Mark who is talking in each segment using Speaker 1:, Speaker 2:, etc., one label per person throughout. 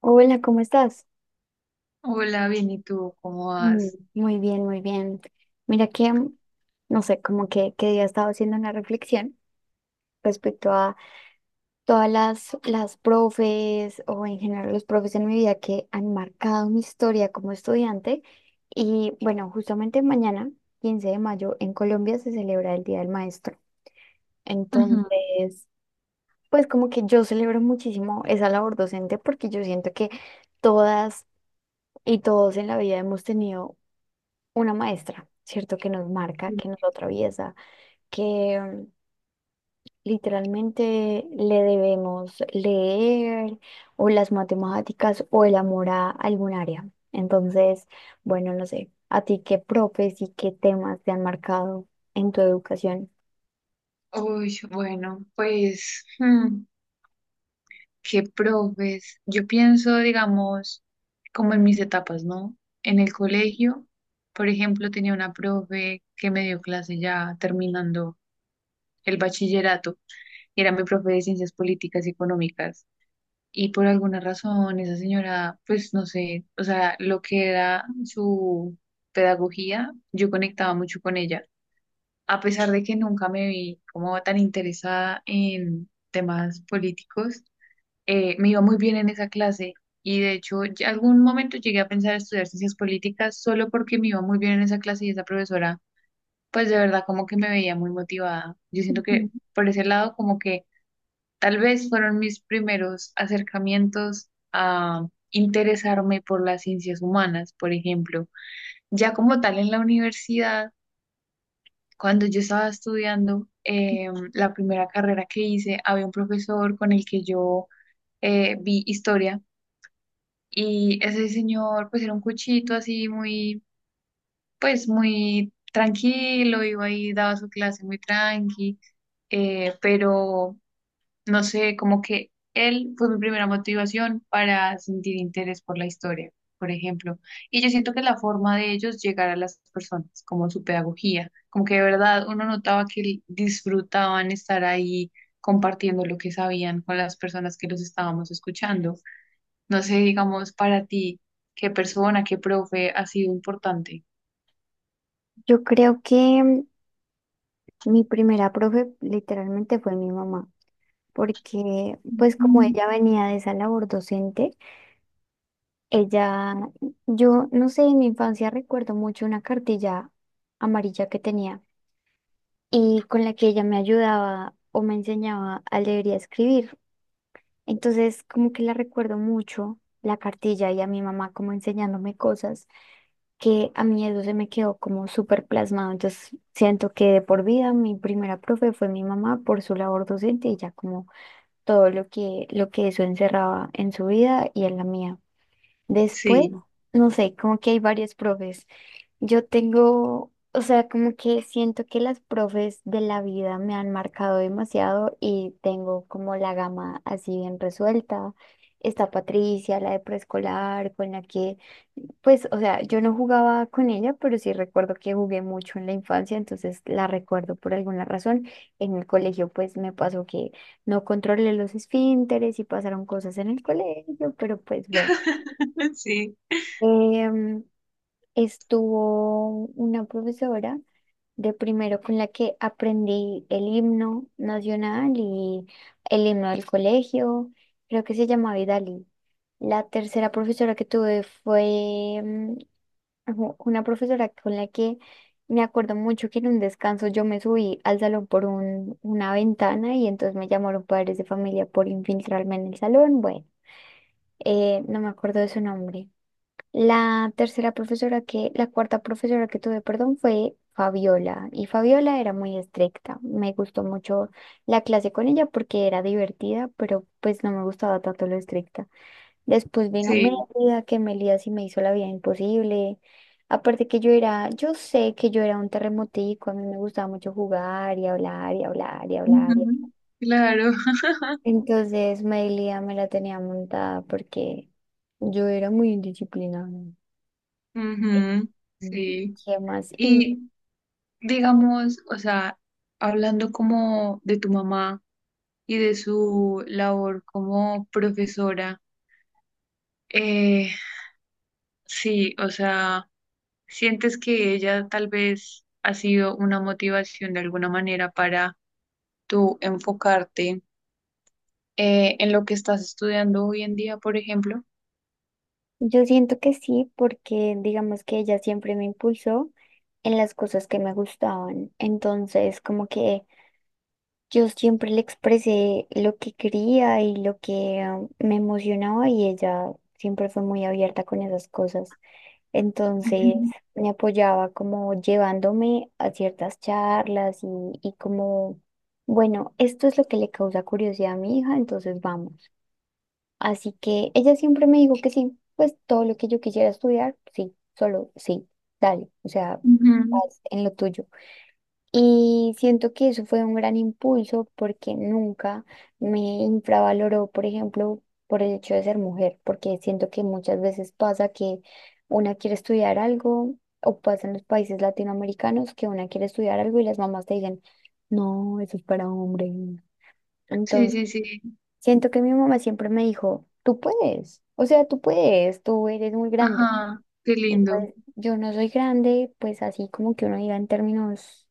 Speaker 1: Hola, ¿cómo estás?
Speaker 2: Hola, bien, ¿y tú cómo
Speaker 1: Mm,
Speaker 2: vas?
Speaker 1: muy bien, muy bien. Mira que, no sé, como que día he estado haciendo una reflexión respecto a todas las profes o en general los profes en mi vida que han marcado mi historia como estudiante. Y bueno, justamente mañana, 15 de mayo, en Colombia se celebra el Día del Maestro.
Speaker 2: Ujú.
Speaker 1: Entonces, pues como que yo celebro muchísimo esa labor docente porque yo siento que todas y todos en la vida hemos tenido una maestra, ¿cierto? Que nos marca, que nos atraviesa, que mm, literalmente le debemos leer o las matemáticas o el amor a algún área. Entonces, bueno, no sé, a ti qué profes y qué temas te han marcado en tu educación.
Speaker 2: Uy, bueno, pues, qué profes. Yo pienso, digamos, como en mis etapas, ¿no? En el colegio, por ejemplo, tenía una profe que me dio clase ya terminando el bachillerato. Era mi profe de ciencias políticas y económicas. Y por alguna razón, esa señora, pues no sé, o sea, lo que era su pedagogía, yo conectaba mucho con ella. A pesar de que nunca me vi como tan interesada en temas políticos, me iba muy bien en esa clase y de hecho ya algún momento llegué a pensar estudiar ciencias políticas solo porque me iba muy bien en esa clase y esa profesora, pues de verdad como que me veía muy motivada. Yo siento
Speaker 1: Ujú.
Speaker 2: que por ese lado como que tal vez fueron mis primeros acercamientos a interesarme por las ciencias humanas, por ejemplo. Ya como tal en la universidad cuando yo estaba estudiando la primera carrera que hice, había un profesor con el que yo vi historia y ese señor pues era un cuchito así muy, pues muy tranquilo, iba ahí, daba su clase muy tranqui, pero no sé, como que él fue mi primera motivación para sentir interés por la historia, por ejemplo. Y yo siento que la forma de ellos llegar a las personas, como su pedagogía, como que de verdad uno notaba que disfrutaban estar ahí compartiendo lo que sabían con las personas que los estábamos escuchando. No sé, digamos, para ti, qué persona, qué profe ha sido importante.
Speaker 1: Yo creo que mi primera profe literalmente fue mi mamá, porque pues como
Speaker 2: Ujú.
Speaker 1: ella venía de esa labor docente, ella, yo no sé, en mi infancia recuerdo mucho una cartilla amarilla que tenía y con la que ella me ayudaba o me enseñaba a leer y a escribir. Entonces, como que la recuerdo mucho, la cartilla y a mi mamá como enseñándome cosas que a mí eso se me quedó como súper plasmado. Entonces, siento que de por vida mi primera profe fue mi mamá por su labor docente y ya como todo lo que eso encerraba en su vida y en la mía. Después,
Speaker 2: Sí,
Speaker 1: no sé, como que hay varios profes. Yo tengo, o sea, como que siento que las profes de la vida me han marcado demasiado y tengo como la gama así bien resuelta. Está Patricia, la de preescolar, con la que, pues, o sea, yo no jugaba con ella, pero sí recuerdo que jugué mucho en la infancia, entonces la recuerdo por alguna razón. En el colegio, pues, me pasó que no controlé los esfínteres y pasaron cosas en el colegio, pero pues bueno.
Speaker 2: sí,
Speaker 1: Em, estuvo una profesora de primero con la que aprendí el himno nacional y el himno del colegio, creo que se llamaba Vidalí. La tercera profesora que tuve fue una profesora con la que me acuerdo mucho que en un descanso yo me subí al salón por una ventana y entonces me llamaron padres de familia por infiltrarme en el salón. Bueno, no me acuerdo de su nombre. La cuarta profesora que tuve, perdón, fue Fabiola. Y Fabiola era muy estricta. Me gustó mucho la clase con ella porque era divertida, pero pues no me gustaba tanto lo estricta. Después vino
Speaker 2: sí.
Speaker 1: Mélida, que Mélida sí me hizo la vida imposible. Aparte que yo era, yo sé que yo era un terremotico, a mí me gustaba mucho jugar y hablar y hablar y hablar.
Speaker 2: Ujú. Claro.
Speaker 1: Entonces Mélida me la tenía montada porque yo era muy indisciplinada.
Speaker 2: Ujú,
Speaker 1: Mm,
Speaker 2: sí.
Speaker 1: ¿Qué más? Y
Speaker 2: Y digamos, o sea, hablando como de tu mamá y de su labor como profesora, eh, sí, o sea, ¿sientes que ella tal vez ha sido una motivación de alguna manera para tú enfocarte en lo que estás estudiando hoy en día, por ejemplo?
Speaker 1: yo siento que sí, porque digamos que ella siempre me impulsó en las cosas que me gustaban. Entonces, como que yo siempre le expresé lo que quería y lo que me emocionaba y ella siempre fue muy abierta con esas cosas. Entonces,
Speaker 2: Ujú,
Speaker 1: me apoyaba como llevándome a ciertas charlas y como, bueno, esto es lo que le causa curiosidad a mi hija, entonces vamos. Así que ella siempre me dijo que sí, pues todo lo que yo quisiera estudiar, sí, solo sí, dale, o sea,
Speaker 2: ujú.
Speaker 1: haz en lo tuyo. Y siento que eso fue un gran impulso porque nunca me infravaloró, por ejemplo, por el hecho de ser mujer, porque siento que muchas veces pasa que una quiere estudiar algo, o pasa en los países latinoamericanos que una quiere estudiar algo y las mamás te dicen, no, eso es para hombres.
Speaker 2: Sí, sí, sí.
Speaker 1: Siento que mi mamá siempre me dijo, tú puedes, o sea, tú puedes, tú eres muy grande.
Speaker 2: Ajá, qué
Speaker 1: Y
Speaker 2: lindo.
Speaker 1: pues yo no soy grande, pues así como que uno diga en términos,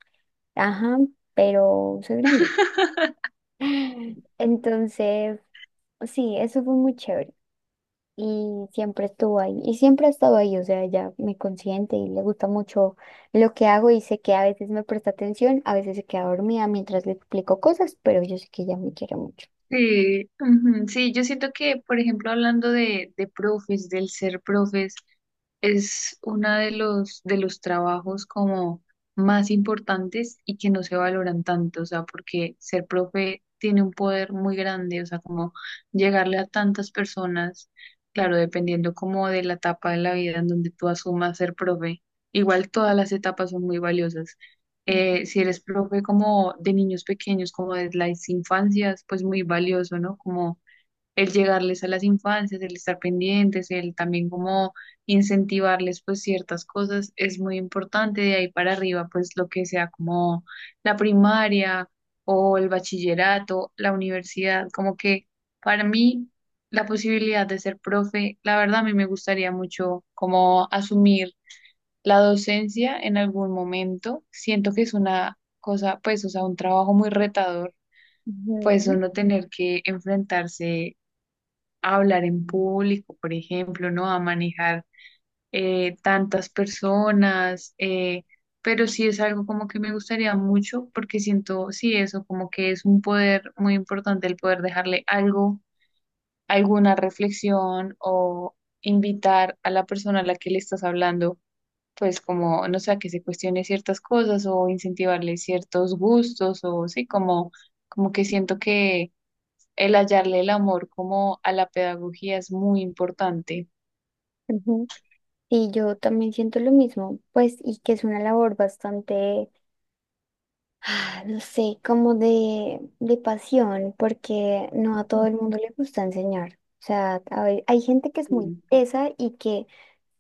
Speaker 1: ajá, pero soy grande. Entonces, sí, eso fue muy chévere. Y siempre estuvo ahí, y siempre ha estado ahí, o sea, ella me consiente y le gusta mucho lo que hago y sé que a veces me presta atención, a veces se queda dormida mientras le explico cosas, pero yo sé que ella me quiere mucho.
Speaker 2: Sí, ujú, sí, yo siento que, por ejemplo, hablando de profes, del ser profes, es uno de los trabajos como más importantes y que no se valoran tanto, o sea, porque ser profe tiene un poder muy grande, o sea, como llegarle a tantas personas, claro, dependiendo como de la etapa de la vida en donde tú asumas ser profe, igual todas las etapas son muy valiosas. Si eres profe como de niños pequeños, como de las infancias, pues muy valioso, ¿no? Como el llegarles a las infancias, el estar pendientes, el también como incentivarles pues ciertas cosas es muy importante. De ahí para arriba, pues lo que sea como la primaria o el bachillerato, la universidad, como que para mí la posibilidad de ser profe, la verdad a mí me gustaría mucho como asumir la docencia en algún momento. Siento que es una cosa, pues, o sea, un trabajo muy retador, pues
Speaker 1: Ujú,
Speaker 2: uno tener que enfrentarse a hablar en público, por ejemplo, ¿no? A manejar tantas personas, pero sí es algo como que me gustaría mucho porque siento, sí, eso como que es un poder muy importante el poder dejarle algo, alguna reflexión o invitar a la persona a la que le estás hablando pues como, no sé, a que se cuestione ciertas cosas o incentivarle ciertos gustos o sí, como, como que siento que el hallarle el amor como a la pedagogía es muy importante.
Speaker 1: ujú. Y yo también siento lo mismo, pues, y que es una labor bastante, ah, no sé, como de pasión, porque no a todo el mundo le gusta enseñar. O sea, hay gente que es muy
Speaker 2: Ujú.
Speaker 1: tesa y que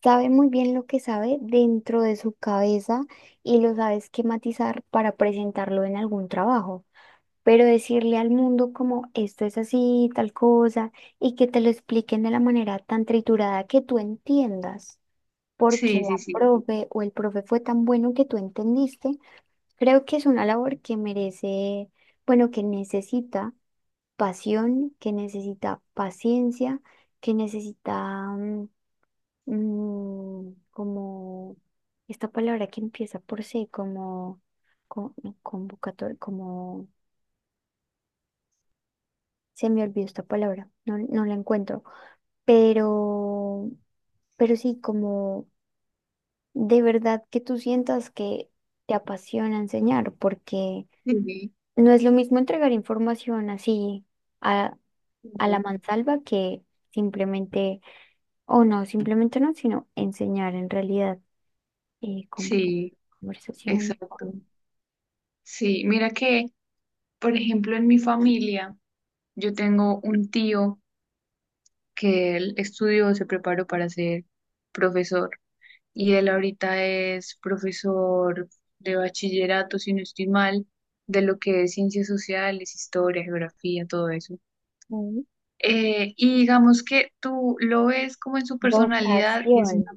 Speaker 1: sabe muy bien lo que sabe dentro de su cabeza y lo sabe esquematizar para presentarlo en algún trabajo. Pero decirle al mundo como esto es así, tal cosa, y que te lo expliquen de la manera tan triturada que tú entiendas porque
Speaker 2: Sí,
Speaker 1: la
Speaker 2: sí, sí,
Speaker 1: profe o el profe fue tan bueno que tú entendiste. Creo que es una labor que merece, bueno, que necesita pasión, que necesita paciencia, que necesita como esta palabra que empieza por C, como, no, convocatoria, como se me olvidó esta palabra, no, no la encuentro, pero, pero sí, como de verdad que tú sientas que te apasiona enseñar, porque
Speaker 2: sí,
Speaker 1: no es lo mismo entregar información así a, a la
Speaker 2: claro.
Speaker 1: mansalva que simplemente, o no, simplemente no, sino enseñar en realidad como con
Speaker 2: Sí,
Speaker 1: conversación,
Speaker 2: exacto.
Speaker 1: con
Speaker 2: Sí, mira que, por ejemplo, en mi familia, yo tengo un tío que él estudió, se preparó para ser profesor. Y él ahorita es profesor de bachillerato, si no estoy mal, de lo que es ciencias sociales, historia, geografía, todo eso.
Speaker 1: mm,
Speaker 2: Y digamos que tú lo ves como en su personalidad y es
Speaker 1: vocación.
Speaker 2: una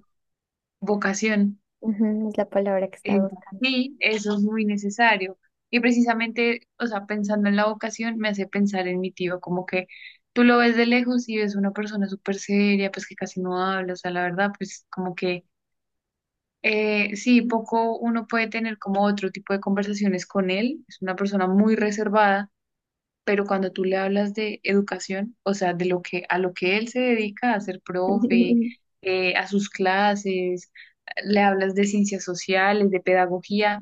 Speaker 2: vocación.
Speaker 1: Ujú, es la palabra que
Speaker 2: Eh,
Speaker 1: estaba buscando.
Speaker 2: sí, eso es muy necesario. Y precisamente, o sea, pensando en la vocación, me hace pensar en mi tío, como que tú lo ves de lejos y ves una persona súper seria, pues que casi no habla, o sea, la verdad, pues como que sí, poco uno puede tener como otro tipo de conversaciones con él. Es una persona muy reservada, pero cuando tú le hablas de educación, o sea, de lo que a lo que él se dedica, a ser profe, a sus clases, le hablas de ciencias sociales, de pedagogía,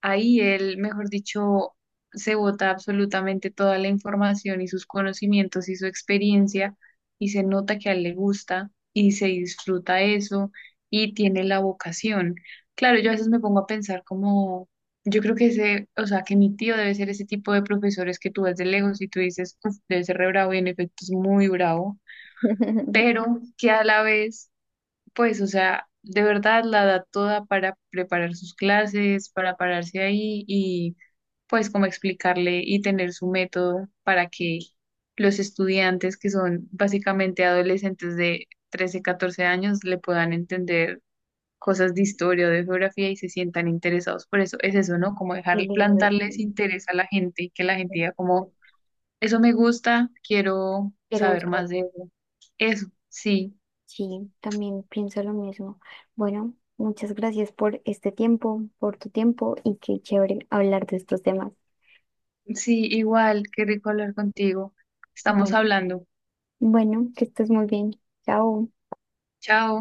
Speaker 2: ahí él, mejor dicho, se bota absolutamente toda la información y sus conocimientos y su experiencia y se nota que a él le gusta y se disfruta eso y tiene la vocación. Claro, yo a veces me pongo a pensar como, yo creo que ese, o sea, que mi tío debe ser ese tipo de profesores que tú ves de lejos y tú dices, "Uf, debe ser re bravo y en efecto es muy bravo, pero que a la vez pues, o sea, de verdad la da toda para preparar sus clases, para pararse ahí y pues como explicarle y tener su método para que los estudiantes que son básicamente adolescentes de 13 14 años le puedan entender cosas de historia o de geografía y se sientan interesados. Por eso es eso, ¿no? Como dejar
Speaker 1: Qué lindo.
Speaker 2: plantarles interés a la gente y que la gente diga como, eso me gusta, quiero
Speaker 1: Pero
Speaker 2: saber
Speaker 1: buscar.
Speaker 2: más de eso. Eso, sí.
Speaker 1: Sí, también pienso lo mismo. Bueno, muchas gracias por este tiempo, por tu tiempo y qué chévere hablar de estos temas.
Speaker 2: Sí, igual, qué rico hablar contigo. Estamos
Speaker 1: Bueno,
Speaker 2: hablando.
Speaker 1: bueno, que estés muy bien. Chao.
Speaker 2: Chao.